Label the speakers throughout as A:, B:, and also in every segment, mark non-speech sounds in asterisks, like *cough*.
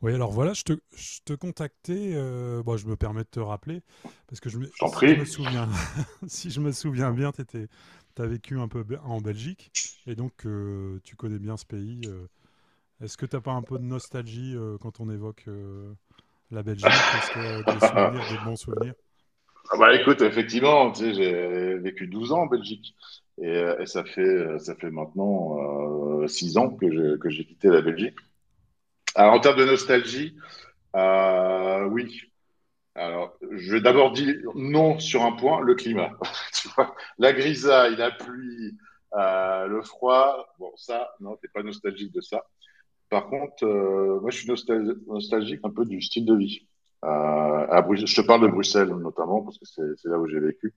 A: Oui, alors voilà, je te contactais, bon, je me permets de te rappeler, parce que
B: Je t'en
A: si je
B: prie.
A: me souviens, *laughs* si je me souviens bien, tu as vécu un peu en Belgique, et donc tu connais bien ce pays. Est-ce que t'as pas un peu de nostalgie quand on évoque la Belgique? Est-ce que
B: *laughs*
A: des souvenirs,
B: Ah
A: des bons souvenirs?
B: bah écoute, effectivement, tu sais, j'ai vécu 12 ans en Belgique. Et ça fait maintenant 6 ans que j'ai quitté la Belgique. Alors, en termes de nostalgie, oui. Alors, je vais d'abord dire non sur un point, le climat. *laughs* Tu vois, la grisaille, la pluie, le froid. Bon, ça, non, t'es pas nostalgique de ça. Par contre, moi, je suis nostalgique un peu du style de vie. À Bruxelles, je te parle de Bruxelles notamment parce que c'est là où j'ai vécu.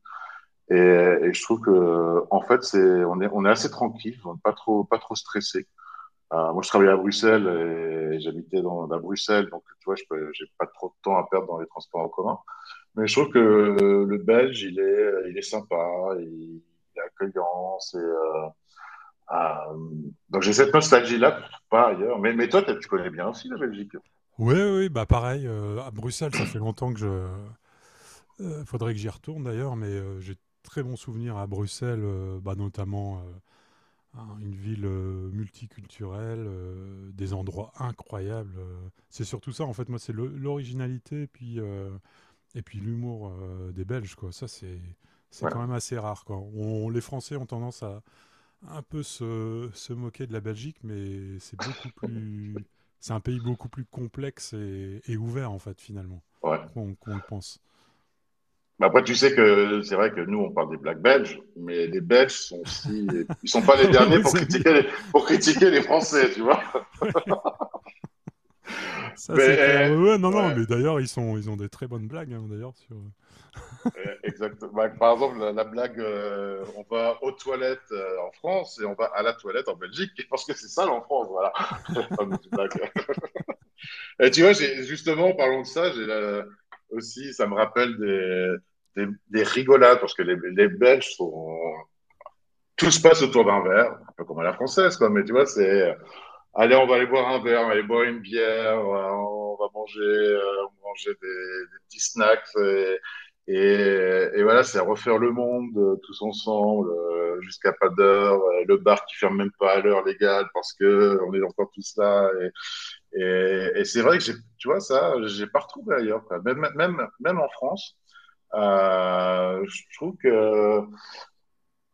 B: Et je trouve que, en fait, c'est on est assez tranquille, on est pas trop stressé. Moi, je travaillais à Bruxelles et j'habitais dans à Bruxelles, donc tu vois, j'ai pas trop de temps à perdre dans les transports en commun. Mais je trouve que le Belge, il est sympa, il est accueillant, c'est euh, donc j'ai cette nostalgie-là que je ne trouve pas ailleurs. Mais toi, tu connais bien aussi la Belgique.
A: Oui, oui, bah pareil, à Bruxelles, ça fait longtemps que je... faudrait que j'y retourne d'ailleurs, mais j'ai de très bons souvenirs à Bruxelles, bah, notamment, hein, une ville multiculturelle, des endroits incroyables. C'est surtout ça, en fait, moi, c'est l'originalité et puis l'humour des Belges, quoi. Ça, c'est. C'est
B: Ouais.
A: quand même assez rare, quoi. Les Français ont tendance à un peu se moquer de la Belgique, mais c'est un pays beaucoup plus complexe et ouvert, en fait, finalement,
B: Ouais.
A: qu'on le pense. *laughs*
B: Mais après, tu sais que c'est vrai que nous, on parle des Blacks belges, mais les Belges sont aussi. Ils sont pas les
A: Ah oui, ils
B: derniers pour
A: nous aiment bien.
B: critiquer les Français, tu vois.
A: Ça,
B: Mais
A: c'est clair.
B: euh,
A: Ouais, ouais, non, non,
B: ouais,
A: mais d'ailleurs, ils ont des très bonnes blagues, hein, d'ailleurs, sur...
B: exactement. Bah, par exemple, la blague, on va aux toilettes en France et on va à la toilette en Belgique, parce que c'est sale en France, voilà. *laughs* La fameuse blague. Et tu vois, justement, en parlant de ça, aussi, ça me rappelle des rigolades, parce que les Belges sont... Tout se passe autour d'un verre, un peu comme à la française, quoi, mais tu vois, allez, on va aller boire un verre, on va aller boire une bière, on va manger des petits snacks, et, et voilà, c'est refaire le monde tous ensemble, jusqu'à pas d'heure, le bar qui ferme même pas à l'heure légale, parce que on est encore tous là, et c'est vrai que j'ai, tu vois, ça, j'ai pas retrouvé ailleurs, quoi. Même en France, je trouve que.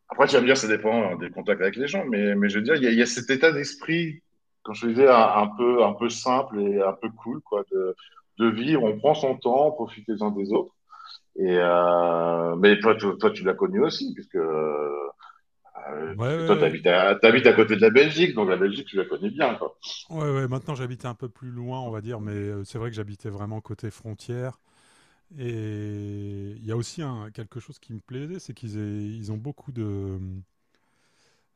B: Après, tu vas me dire, ça dépend hein, des contacts avec les gens, mais je veux dire, il y a cet état d'esprit, quand je disais, un peu simple et un peu cool, quoi, de vivre. On prend son temps, on profite les uns des autres. Mais toi, toi, tu l'as connu aussi,
A: Ouais, ouais,
B: puisque toi,
A: ouais.
B: t'habites à côté de la Belgique, donc la Belgique, tu la connais bien, quoi.
A: Ouais, ouais, maintenant j'habite un peu plus loin, on va dire, mais c'est vrai que j'habitais vraiment côté frontière. Et il y a aussi quelque chose qui me plaisait, c'est ils ont beaucoup de,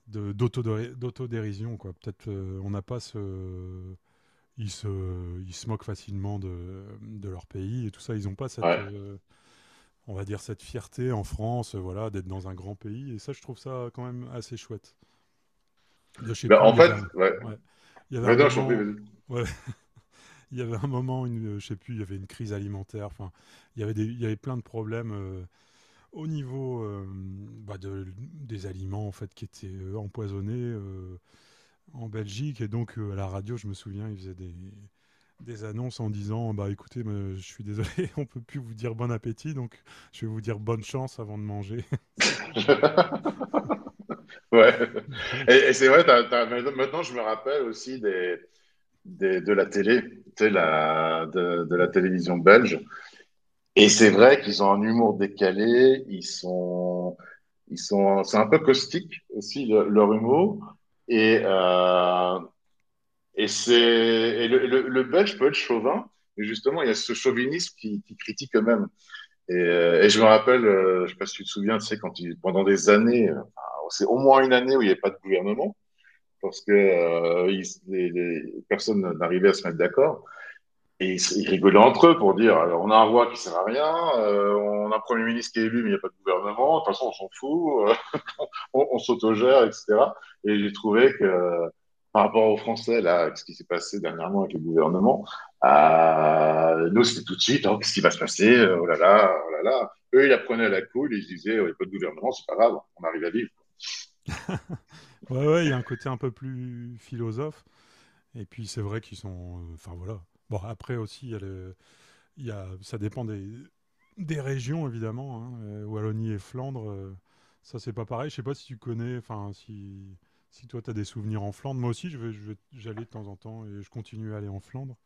A: de- d'autodé- d'autodérision, quoi. Peut-être on n'a pas ce... Ils se, Ils se moquent facilement de leur pays et tout ça. Ils n'ont pas cette,
B: Ouais.
A: on va dire, cette fierté en France, voilà, d'être dans un grand pays. Et ça, je trouve ça quand même assez chouette. De, je sais
B: Ben,
A: plus,
B: en
A: il y avait
B: fait,
A: un,
B: ouais.
A: ouais, il y avait un
B: Vas-y, non, je t'en prie,
A: moment...
B: vas-y.
A: ouais, Il y avait un moment, je sais plus, il y avait une crise alimentaire. Enfin, il y avait plein de problèmes au niveau des aliments en fait qui étaient empoisonnés en Belgique. Et donc à la radio, je me souviens, des annonces en disant, bah écoutez, je suis désolé, *laughs* on peut plus vous dire bon appétit, donc je vais vous dire bonne chance avant de manger. *laughs* C'est-
B: *laughs* Ouais. Et
A: donc,
B: c'est vrai, mais maintenant je me rappelle aussi de la télé, tu sais, de la télévision belge. Et c'est vrai qu'ils ont un humour décalé, c'est un peu caustique aussi leur humour. Et, euh, et c'est, et le belge peut être chauvin, mais justement il y a ce chauvinisme qui critique eux-mêmes. Et je me rappelle, je sais pas si tu te souviens, tu sais, pendant des années, enfin, c'est au moins une année où il n'y avait pas de gouvernement parce que personne n'arrivait à se mettre d'accord. Et ils rigolaient entre eux pour dire alors, on a un roi qui sert à rien, on a un premier ministre qui est élu, mais il n'y a pas de gouvernement, de toute façon, on s'en fout, on s'autogère, etc. Et j'ai trouvé que par rapport aux Français, là, ce qui s'est passé dernièrement avec le gouvernement, nous, c'était tout de suite oh, qu'est-ce qui va se passer oh là là, oh là là. Eux, ils apprenaient à la couille, ils se disaient oh, il n'y a pas de gouvernement, c'est pas grave, on arrive à vivre.
A: ouais, ouais, il y a un côté un peu plus philosophe. Et puis c'est vrai qu'ils sont, enfin voilà. Bon, après aussi, il y a, ça dépend des régions, évidemment. Hein. Wallonie et Flandre, ça, c'est pas pareil. Je sais pas si tu connais, enfin, si, si toi, tu as des souvenirs en Flandre. Moi aussi, j'allais de temps en temps et je continue à aller en Flandre.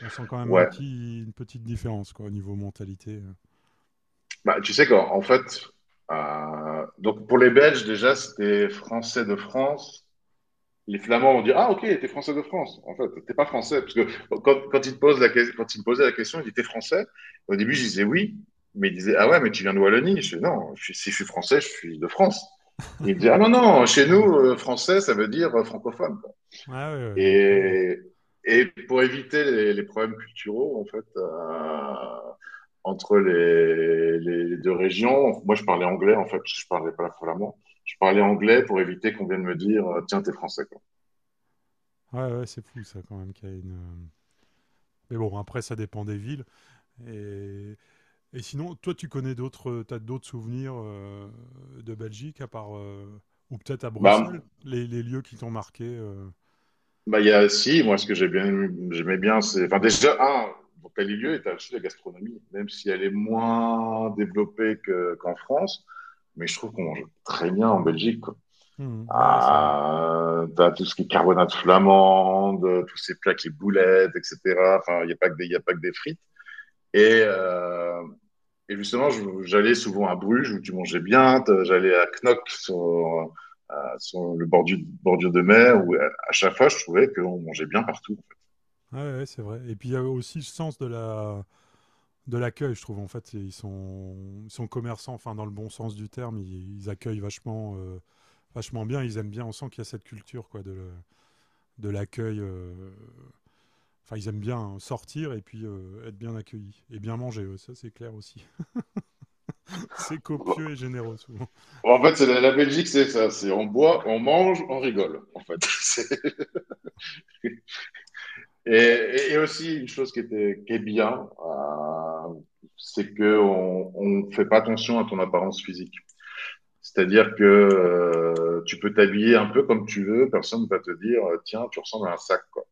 A: On sent quand même
B: Ouais.
A: une petite différence, quoi, au niveau mentalité.
B: Bah, tu sais qu'en en fait, donc pour les Belges, déjà, c'était Français de France. Les Flamands ont dit, ah, ok, t'es Français de France. En fait, t'es pas Français. Parce que quand ils te posent quand ils me posaient la question, ils disaient, t'es Français? Au début, je disais oui. Mais ils disaient, ah ouais, mais tu viens de Wallonie. Je dis, non, si je suis Français, je suis de France. Et ils
A: *laughs* euh.
B: disaient, ah non, non, chez nous,
A: Ouais,
B: Français, ça veut dire francophone.
A: ouais, ouais, ouais, incroyable.
B: Et, et pour éviter les problèmes culturels, en fait, entre les deux régions, moi je parlais anglais, en fait, je parlais pas flamand. Je parlais anglais pour éviter qu'on vienne me dire, tiens, t'es français, quoi.
A: Ouais, ouais, c'est fou ça quand même qu'il y a une. Mais bon, après ça dépend des villes. Et Et sinon, toi, tu connais d'autres, t'as d'autres souvenirs de Belgique à part ou peut-être à
B: Bah,
A: Bruxelles, les lieux qui t'ont marqué.
B: bah, il y a, si, moi, ce que j'aimais bien, c'est, enfin, déjà, un, dans tel lieu, et t'as aussi la gastronomie, même si elle est moins développée qu'en France, mais je trouve qu'on mange très bien en Belgique.
A: Mhm, ouais, c'est vrai.
B: Ah, t'as tout ce qui est carbonate flamande, tous ces plats qui boulettes, etc. Enfin, il y a pas que des frites. Et, euh, et justement, j'allais souvent à Bruges où tu mangeais bien. J'allais à Knock sur, sur le bordure, bordure de mer où à chaque fois, je trouvais qu'on mangeait bien partout.
A: Ouais, ouais, c'est vrai. Et puis il y a aussi le sens de la de l'accueil, je trouve. En fait, ils sont commerçants, enfin dans le bon sens du terme, ils accueillent vachement vachement bien. Ils aiment bien. On sent qu'il y a cette culture quoi de l'accueil. Enfin, ils aiment bien sortir et puis être bien accueillis et bien manger. Ouais, ça, c'est clair aussi. *laughs* C'est
B: En
A: copieux
B: fait,
A: et généreux souvent.
B: en fait c'est la Belgique, c'est ça. C'est on boit, on mange, on rigole. En fait, *laughs* c'est... Et aussi, une chose qui est bien, c'est que on fait pas attention à ton apparence physique. C'est-à-dire que tu peux t'habiller un peu comme tu veux, personne ne va te dire, tiens, tu ressembles à un sac, quoi.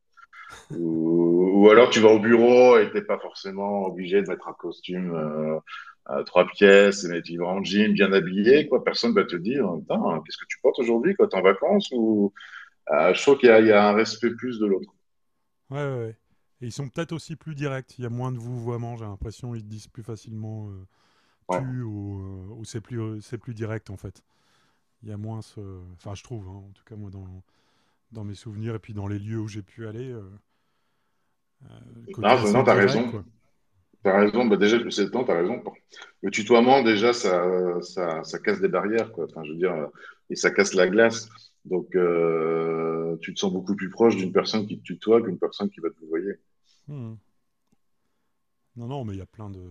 B: Ou alors tu vas au bureau et t'es pas forcément obligé de mettre un costume à trois pièces, et tu vas en jean, bien habillé, quoi. Personne va te dire, putain, qu'est-ce que tu portes aujourd'hui, quoi? T'es en vacances ou... Je trouve qu'il y a un respect plus de l'autre.
A: Ouais, ouais, ouais. Et ils sont peut-être aussi plus directs. Il y a moins de vouvoiement, j'ai l'impression. Ils disent plus facilement
B: Ouais.
A: tu ou c'est plus direct en fait. Il y a moins ce. Enfin, je trouve, hein, en tout cas, moi, dans, dans mes souvenirs et puis dans les lieux où j'ai pu aller, le côté
B: Non,
A: assez
B: non, t'as
A: direct,
B: raison.
A: quoi.
B: T'as raison, bah déjà, depuis 7 ans, t'as raison. Le tutoiement, déjà, ça casse des barrières, quoi. Enfin, je veux dire, et ça casse la glace. Donc, tu te sens beaucoup plus proche d'une personne qui te tutoie qu'une personne qui va te vouvoyer.
A: Hmm. Non, non, mais il y a plein de.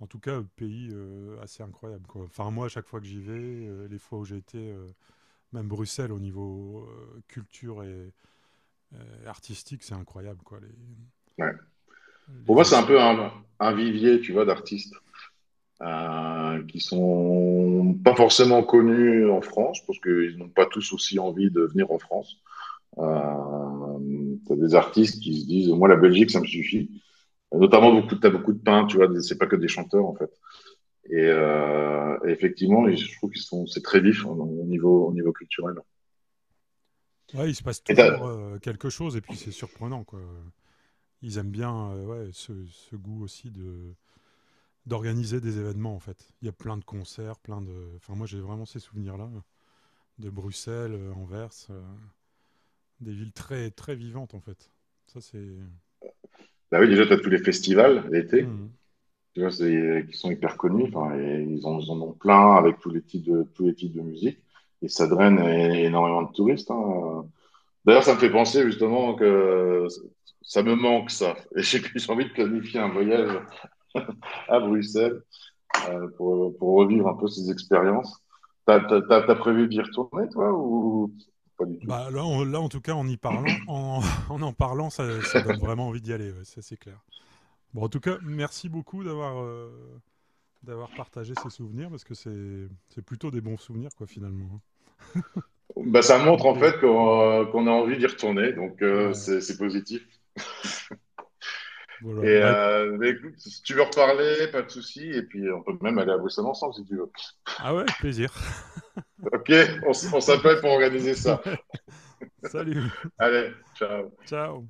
A: En tout cas, pays assez incroyable, quoi. Enfin, moi, à chaque fois que j'y vais, les fois où j'ai été, même Bruxelles, au niveau culture et artistique, c'est incroyable, quoi. Les,
B: Ouais. Pour
A: les
B: moi, c'est un peu un vivier, tu vois, d'artistes qui sont pas forcément connus en France, parce qu'ils n'ont pas tous aussi envie de venir en France. T'as des artistes qui se disent, moi, la Belgique, ça me suffit. Notamment, beaucoup, t'as beaucoup de peintres, tu vois, c'est pas que des chanteurs, en fait. Et effectivement, je trouve c'est très vif hein, au niveau culturel.
A: Ouais, il se passe
B: Et
A: toujours, quelque chose et puis c'est surprenant, quoi. Ils aiment bien, ouais, ce ce goût aussi de d'organiser des événements, en fait. Il y a plein de concerts, plein de enfin, moi, j'ai vraiment ces souvenirs-là, de Bruxelles, Anvers, des villes très, très vivantes, en fait. Ça, c'est
B: bah oui, déjà, tu as tous les festivals l'été,
A: mmh.
B: tu vois, qui sont hyper connus. Enfin, ils en ont plein avec tous les types de musique. Et ça draine énormément de touristes. Hein. D'ailleurs, ça me fait penser justement que ça me manque ça. Et j'ai *laughs* j'ai envie de planifier un voyage à Bruxelles pour, revivre un peu ces expériences. T'as prévu d'y retourner, toi, ou pas du tout?
A: Bah, là, en tout cas, en y parlant en *laughs* en parlant, ça donne vraiment envie d'y aller, ouais, ça, c'est clair. Bon, en tout cas, merci beaucoup d'avoir partagé ces souvenirs parce que c'est plutôt des bons souvenirs, quoi, finalement, hein.
B: Bah, ça
A: Ah
B: montre en
A: beh,
B: fait qu'on a envie d'y retourner, donc
A: ouais,
B: c'est positif.
A: voilà.
B: Bah, écoute, si tu veux reparler, pas de souci, et puis on peut même aller à Bruxelles ensemble si tu veux.
A: Ah ouais, avec plaisir.
B: Ok, on
A: *laughs*
B: s'appelle
A: Ok.
B: pour organiser ça.
A: Ouais. Salut.
B: Allez, ciao.
A: Ciao.